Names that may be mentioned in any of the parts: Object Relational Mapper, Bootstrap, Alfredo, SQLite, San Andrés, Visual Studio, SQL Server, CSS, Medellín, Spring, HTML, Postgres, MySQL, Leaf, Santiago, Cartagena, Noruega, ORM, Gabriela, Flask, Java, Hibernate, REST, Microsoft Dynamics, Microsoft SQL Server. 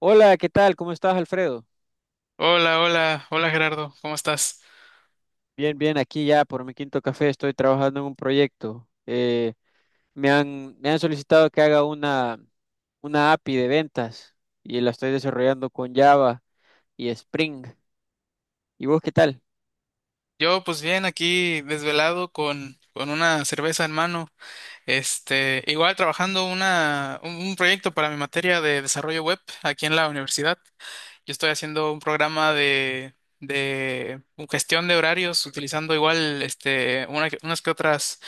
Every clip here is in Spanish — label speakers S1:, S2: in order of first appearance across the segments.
S1: Hola, ¿qué tal? ¿Cómo estás, Alfredo?
S2: Hola, hola, hola Gerardo, ¿cómo estás?
S1: Bien, bien, aquí ya por mi quinto café estoy trabajando en un proyecto. Me han solicitado que haga una API de ventas y la estoy desarrollando con Java y Spring. ¿Y vos qué tal?
S2: Yo pues bien aquí desvelado con una cerveza en mano, igual trabajando un proyecto para mi materia de desarrollo web aquí en la universidad. Yo estoy haciendo un programa de gestión de horarios utilizando igual unas que otras,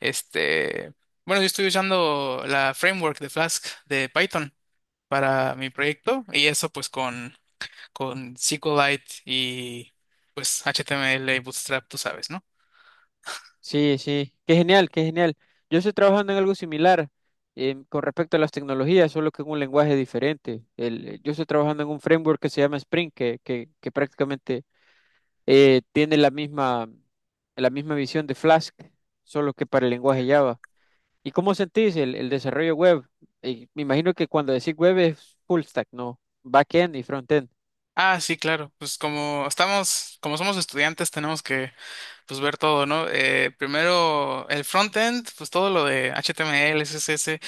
S2: este, bueno, yo estoy usando la framework de Flask de Python para mi proyecto y eso pues con SQLite y pues HTML y Bootstrap, tú sabes, ¿no?
S1: Sí, sí, qué genial, qué genial. Yo estoy trabajando en algo similar con respecto a las tecnologías, solo que en un lenguaje diferente. Yo estoy trabajando en un framework que se llama Spring, que prácticamente tiene la misma visión de Flask, solo que para el lenguaje Java. ¿Y cómo sentís el desarrollo web? Me imagino que cuando decís web es full stack, ¿no? Backend y frontend.
S2: Ah, sí, claro. Pues como estamos, como somos estudiantes, tenemos que pues ver todo, ¿no? Primero el frontend, pues todo lo de HTML, CSS,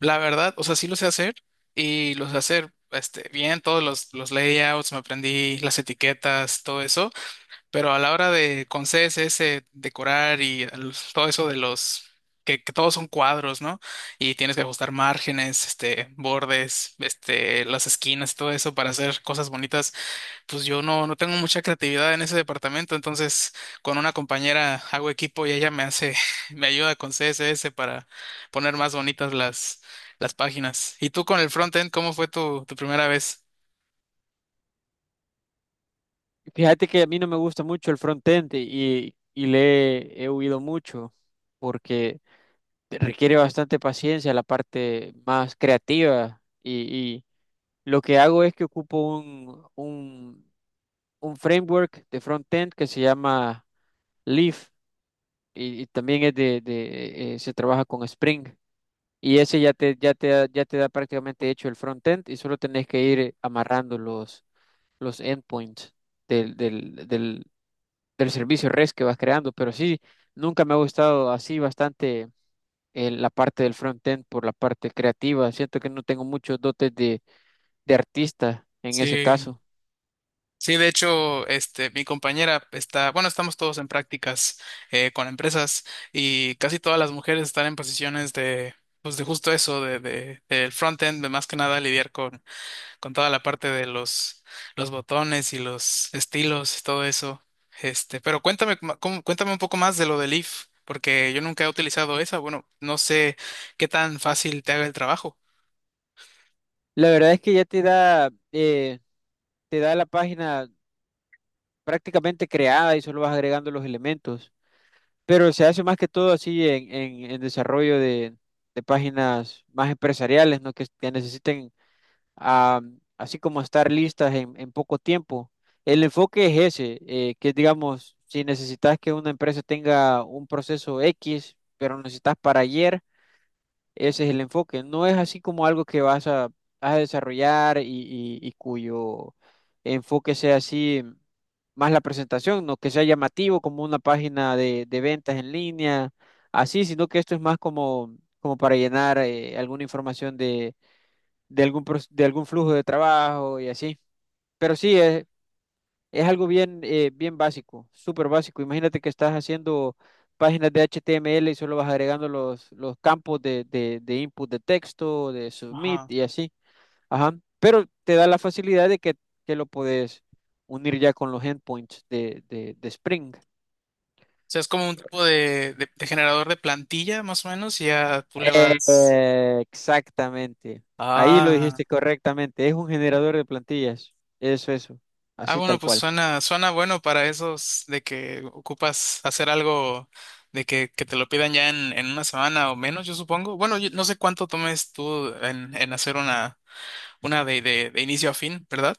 S2: la verdad, o sea, sí lo sé hacer y lo sé hacer bien, todos los layouts, me aprendí las etiquetas, todo eso. Pero a la hora de con CSS decorar y todo eso de los que todos son cuadros, ¿no? Y tienes que ajustar márgenes, bordes, las esquinas, todo eso para hacer cosas bonitas. Pues yo no tengo mucha creatividad en ese departamento, entonces con una compañera hago equipo y ella me hace, me ayuda con CSS para poner más bonitas las páginas. ¿Y tú con el frontend, cómo fue tu primera vez?
S1: Fíjate que a mí no me gusta mucho el frontend y le he huido mucho porque te requiere bastante paciencia la parte más creativa y lo que hago es que ocupo un framework de frontend que se llama Leaf y también es se trabaja con Spring y ese ya te da prácticamente hecho el frontend y solo tenés que ir amarrando los endpoints del, del, del, del servicio REST que vas creando. Pero sí, nunca me ha gustado así bastante la parte del frontend por la parte creativa. Siento que no tengo muchos dotes de artista en ese
S2: Sí.
S1: caso.
S2: Sí, de hecho, mi compañera está, bueno, estamos todos en prácticas con empresas y casi todas las mujeres están en posiciones de, pues de justo eso, del front-end, de más que nada lidiar con toda la parte de los botones y los estilos y todo eso. Pero cuéntame, cuéntame un poco más de lo del if, porque yo nunca he utilizado esa. Bueno, no sé qué tan fácil te haga el trabajo.
S1: La verdad es que ya te da la página prácticamente creada y solo vas agregando los elementos. Pero se hace más que todo así en desarrollo de páginas más empresariales, ¿no? Que necesiten ah, así como estar listas en poco tiempo. El enfoque es ese, que digamos, si necesitas que una empresa tenga un proceso X, pero lo necesitas para ayer. Ese es el enfoque. No es así como algo que vas a desarrollar y cuyo enfoque sea así más la presentación, no que sea llamativo como una página de ventas en línea, así, sino que esto es más como para llenar alguna información de algún flujo de trabajo y así. Pero sí, es algo bien básico, súper básico. Imagínate que estás haciendo páginas de HTML y solo vas agregando los campos de input de texto, de submit y así. Ajá. Pero te da la facilidad de que lo puedes unir ya con los endpoints de Spring.
S2: O sea, es como un tipo de generador de plantilla, más o menos, y ya tú le vas.
S1: Exactamente. Ahí lo
S2: Ah.
S1: dijiste correctamente. Es un generador de plantillas. Eso, eso.
S2: Ah,
S1: Así
S2: bueno,
S1: tal
S2: pues
S1: cual.
S2: suena, suena bueno para esos de que ocupas hacer algo de que te lo pidan ya en una semana o menos, yo supongo. Bueno, yo no sé cuánto tomes tú en hacer una de inicio a fin, ¿verdad?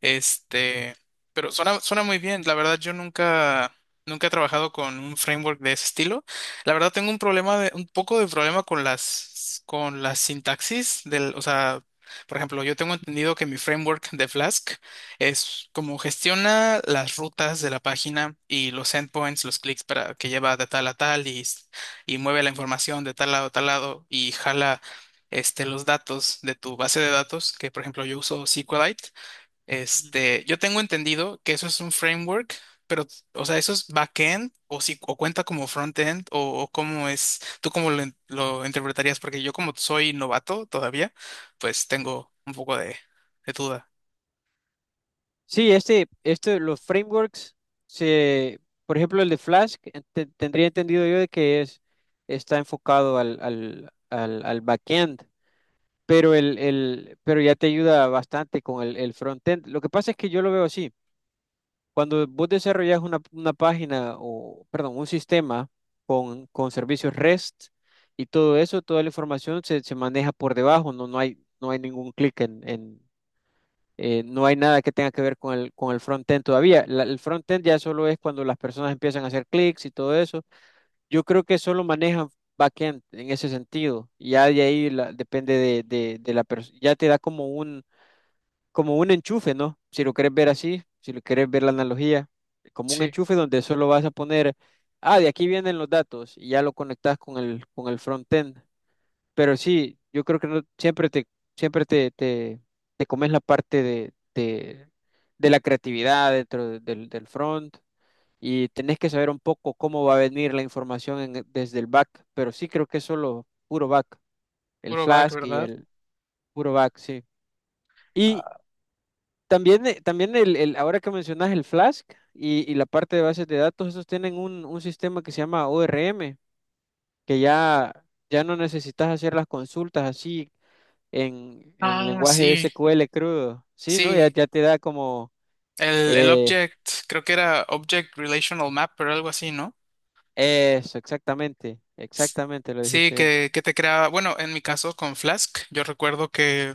S2: Este, pero suena, suena muy bien. La verdad, yo nunca, nunca he trabajado con un framework de ese estilo. La verdad, tengo un problema de, un poco de problema con las sintaxis del, o sea, por ejemplo, yo tengo entendido que mi framework de Flask es como gestiona las rutas de la página y los endpoints, los clics para que lleva de tal a tal y mueve la información de tal lado a tal lado y jala los datos de tu base de datos, que por ejemplo yo uso SQLite. Yo tengo entendido que eso es un framework, pero, o sea, eso es backend o si o cuenta como frontend o cómo es, tú cómo lo, lo interpretarías, porque yo como soy novato todavía, pues tengo un poco de duda.
S1: Sí, este, los frameworks, se, por ejemplo, el de Flask, tendría entendido yo de que es, está enfocado al backend, pero ya te ayuda bastante con el frontend. Lo que pasa es que yo lo veo así. Cuando vos desarrollas una página o, perdón, un sistema con servicios REST y todo eso, toda la información se maneja por debajo, no, no hay ningún clic no hay nada que tenga que ver con con el front-end todavía. El front-end ya solo es cuando las personas empiezan a hacer clics y todo eso. Yo creo que solo manejan back-end en ese sentido. Ya de ahí depende de la persona. Ya te da como un enchufe, ¿no? Si lo quieres ver así, si lo quieres ver la analogía, como un
S2: Sí,
S1: enchufe donde solo vas a poner, de aquí vienen los datos y ya lo conectas con con el front-end. Pero sí, yo creo que no, siempre te, te, te comes la parte de la creatividad del front y tenés que saber un poco cómo va a venir la información desde el back, pero sí creo que es solo puro back, el
S2: puro back,
S1: Flask y
S2: ¿verdad?
S1: el puro back, sí. Y
S2: Ah.
S1: también ahora que mencionas el Flask y la parte de bases de datos, esos tienen un sistema que se llama ORM, que ya no necesitas hacer las consultas así en
S2: Ah,
S1: lenguaje
S2: sí,
S1: SQL crudo. Sí, ¿no?
S2: sí.
S1: Ya te da como
S2: El
S1: eh,
S2: object, creo que era Object Relational map Mapper, algo así, ¿no?
S1: eso, exactamente,
S2: S-
S1: exactamente, lo
S2: Sí,
S1: dijiste bien.
S2: que te crea, bueno, en mi caso con Flask, yo recuerdo que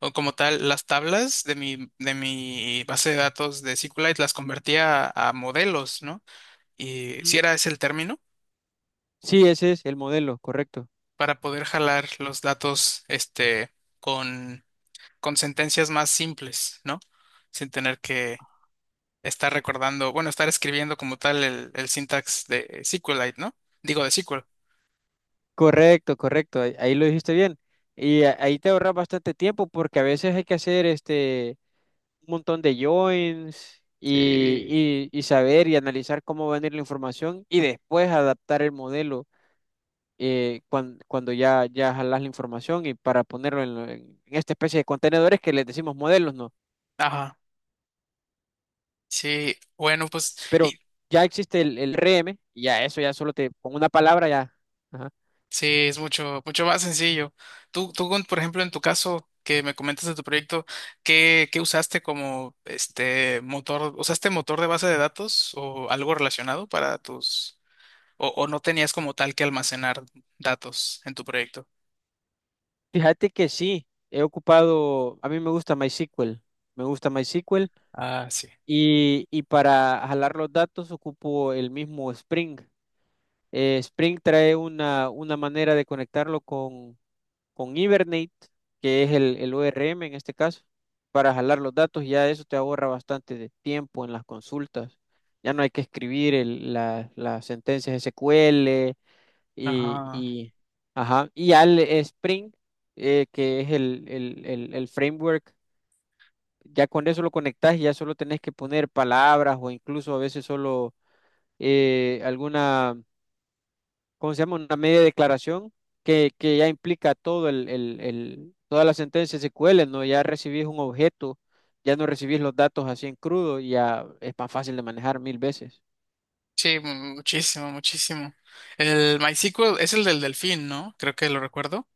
S2: o como tal, las tablas de mi base de datos de SQLite las convertía a modelos, ¿no? Y si
S1: Ujú.
S2: era ese el término,
S1: Sí, ese es el modelo, correcto.
S2: para poder jalar los datos, con, con sentencias más simples, ¿no? Sin tener que estar recordando, bueno, estar escribiendo como tal el syntax de SQLite, ¿no? Digo, de SQL.
S1: Correcto, correcto, ahí lo dijiste bien. Y ahí te ahorras bastante tiempo porque a veces hay que hacer este un montón de joins
S2: Sí.
S1: y saber y analizar cómo va a venir la información y después adaptar el modelo cuando ya jalas la información y para ponerlo esta especie de contenedores que les decimos modelos, ¿no?
S2: Ajá. Sí, bueno, pues, y
S1: Pero ya existe el RM y ya eso ya solo te, con una palabra ya. Ajá.
S2: sí, es mucho, mucho más sencillo. Tú, por ejemplo, en tu caso que me comentas de tu proyecto, ¿qué, qué usaste como este motor? ¿Usaste motor de base de datos o algo relacionado para tus, o no tenías como tal que almacenar datos en tu proyecto?
S1: Fíjate que sí, he ocupado, a mí me gusta MySQL
S2: Ah, sí.
S1: y para jalar los datos ocupo el mismo Spring. Spring trae una manera de conectarlo con Hibernate, que es el ORM en este caso, para jalar los datos, ya eso te ahorra bastante de tiempo en las consultas. Ya no hay que escribir las sentencias SQL y,
S2: Ajá.
S1: y, ajá, y al Spring, que es el framework, ya con eso lo conectas y ya solo tenés que poner palabras o incluso a veces solo alguna ¿cómo se llama? Una media declaración que ya implica todo toda la sentencia SQL, ¿no? Ya recibís un objeto, ya no recibís los datos así en crudo, y ya es más fácil de manejar mil veces.
S2: Sí, mu- muchísimo, muchísimo. El MySQL es el del delfín, ¿no? Creo que lo recuerdo.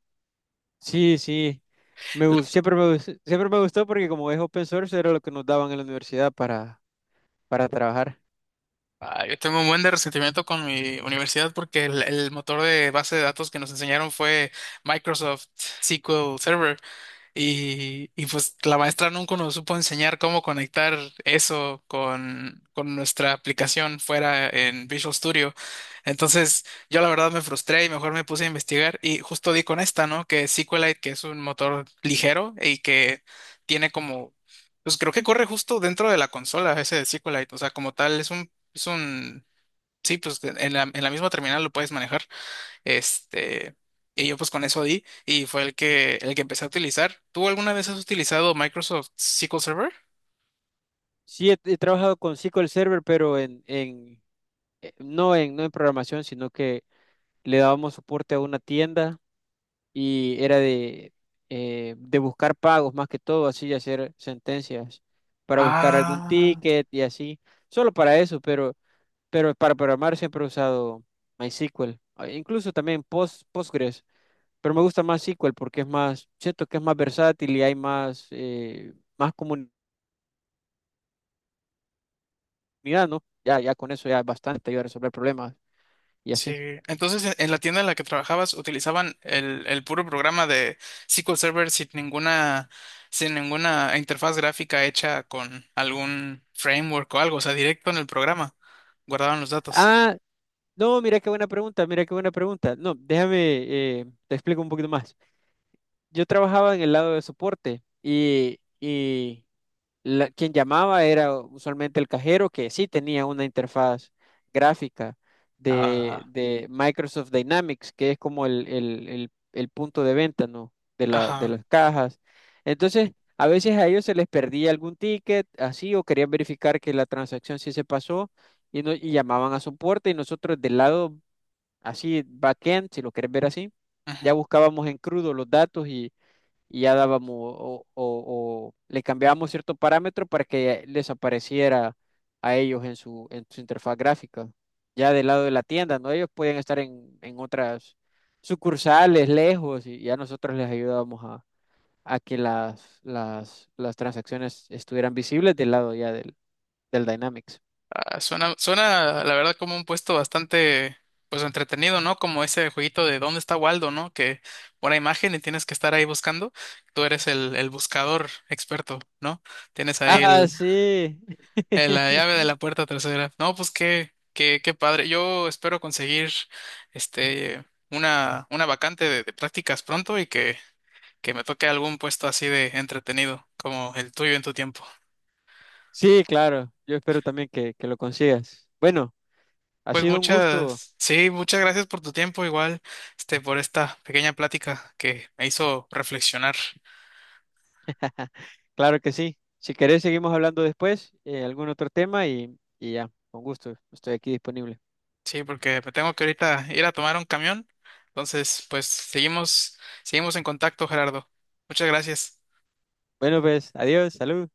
S1: Sí, sí. Siempre me gustó porque como es open source era lo que nos daban en la universidad para trabajar.
S2: Ah, yo tengo un buen de resentimiento con mi universidad porque el motor de base de datos que nos enseñaron fue Microsoft SQL Server. Y pues la maestra nunca nos supo enseñar cómo conectar eso con nuestra aplicación fuera en Visual Studio. Entonces yo la verdad me frustré y mejor me puse a investigar y justo di con esta, ¿no? Que SQLite, que es un motor ligero y que tiene como, pues creo que corre justo dentro de la consola ese de SQLite. O sea, como tal es un, sí, pues en la misma terminal lo puedes manejar. Este, y yo pues con eso di y fue el que empecé a utilizar. ¿Tú alguna vez has utilizado Microsoft SQL Server?
S1: Sí, he trabajado con SQL Server, pero en, no en, no en programación, sino que le dábamos soporte a una tienda y era de buscar pagos más que todo, así y hacer sentencias para buscar algún
S2: Ah,
S1: ticket y así, solo para eso, pero para programar siempre he usado MySQL, incluso también Post, Postgres, pero me gusta más SQL porque es más, siento que es más versátil y hay más comunidad, ¿no? Ya con eso ya es bastante, ayuda a resolver problemas y
S2: sí.
S1: así.
S2: Entonces, en la tienda en la que trabajabas utilizaban el puro programa de SQL Server sin ninguna, sin ninguna interfaz gráfica hecha con algún framework o algo, o sea, directo en el programa. Guardaban los datos.
S1: Ah, no, mira qué buena pregunta, mira qué buena pregunta. No, déjame, te explico un poquito más. Yo trabajaba en el lado de soporte quien llamaba era usualmente el cajero que sí tenía una interfaz gráfica
S2: Ah,
S1: de Microsoft Dynamics, que es como el punto de venta, ¿no? De de
S2: ajá.
S1: las cajas. Entonces, a veces a ellos se les perdía algún ticket, así, o querían verificar que la transacción sí se pasó y, no, y llamaban a soporte y nosotros del lado, así, backend, si lo querés ver así ya
S2: Ujú.
S1: buscábamos en crudo los datos y ya dábamos o le cambiábamos cierto parámetro para que les apareciera a ellos en su interfaz gráfica. Ya del lado de la tienda, ¿no? Ellos pueden estar en otras sucursales, lejos, y ya nosotros les ayudábamos a que las transacciones estuvieran visibles del lado ya del Dynamics.
S2: Ah, suena, suena, la verdad, como un puesto bastante, pues, entretenido, ¿no? Como ese jueguito de ¿Dónde está Waldo, ¿no? Que una imagen y tienes que estar ahí buscando. Tú eres el buscador experto, ¿no? Tienes ahí
S1: Ah,
S2: el,
S1: sí.
S2: la llave de la puerta trasera. No, pues qué, qué, qué padre. Yo espero conseguir, este, una vacante de prácticas pronto y que me toque algún puesto así de entretenido, como el tuyo en tu tiempo.
S1: Sí, claro. Yo espero también que lo consigas. Bueno, ha
S2: Pues
S1: sido un gusto.
S2: muchas, sí, muchas gracias por tu tiempo, igual, por esta pequeña plática que me hizo reflexionar.
S1: Claro que sí. Si querés, seguimos hablando después, algún otro tema y ya, con gusto, estoy aquí disponible.
S2: Sí, porque me tengo que ahorita ir a tomar un camión. Entonces, pues seguimos, seguimos en contacto, Gerardo. Muchas gracias.
S1: Bueno, pues, adiós, salud.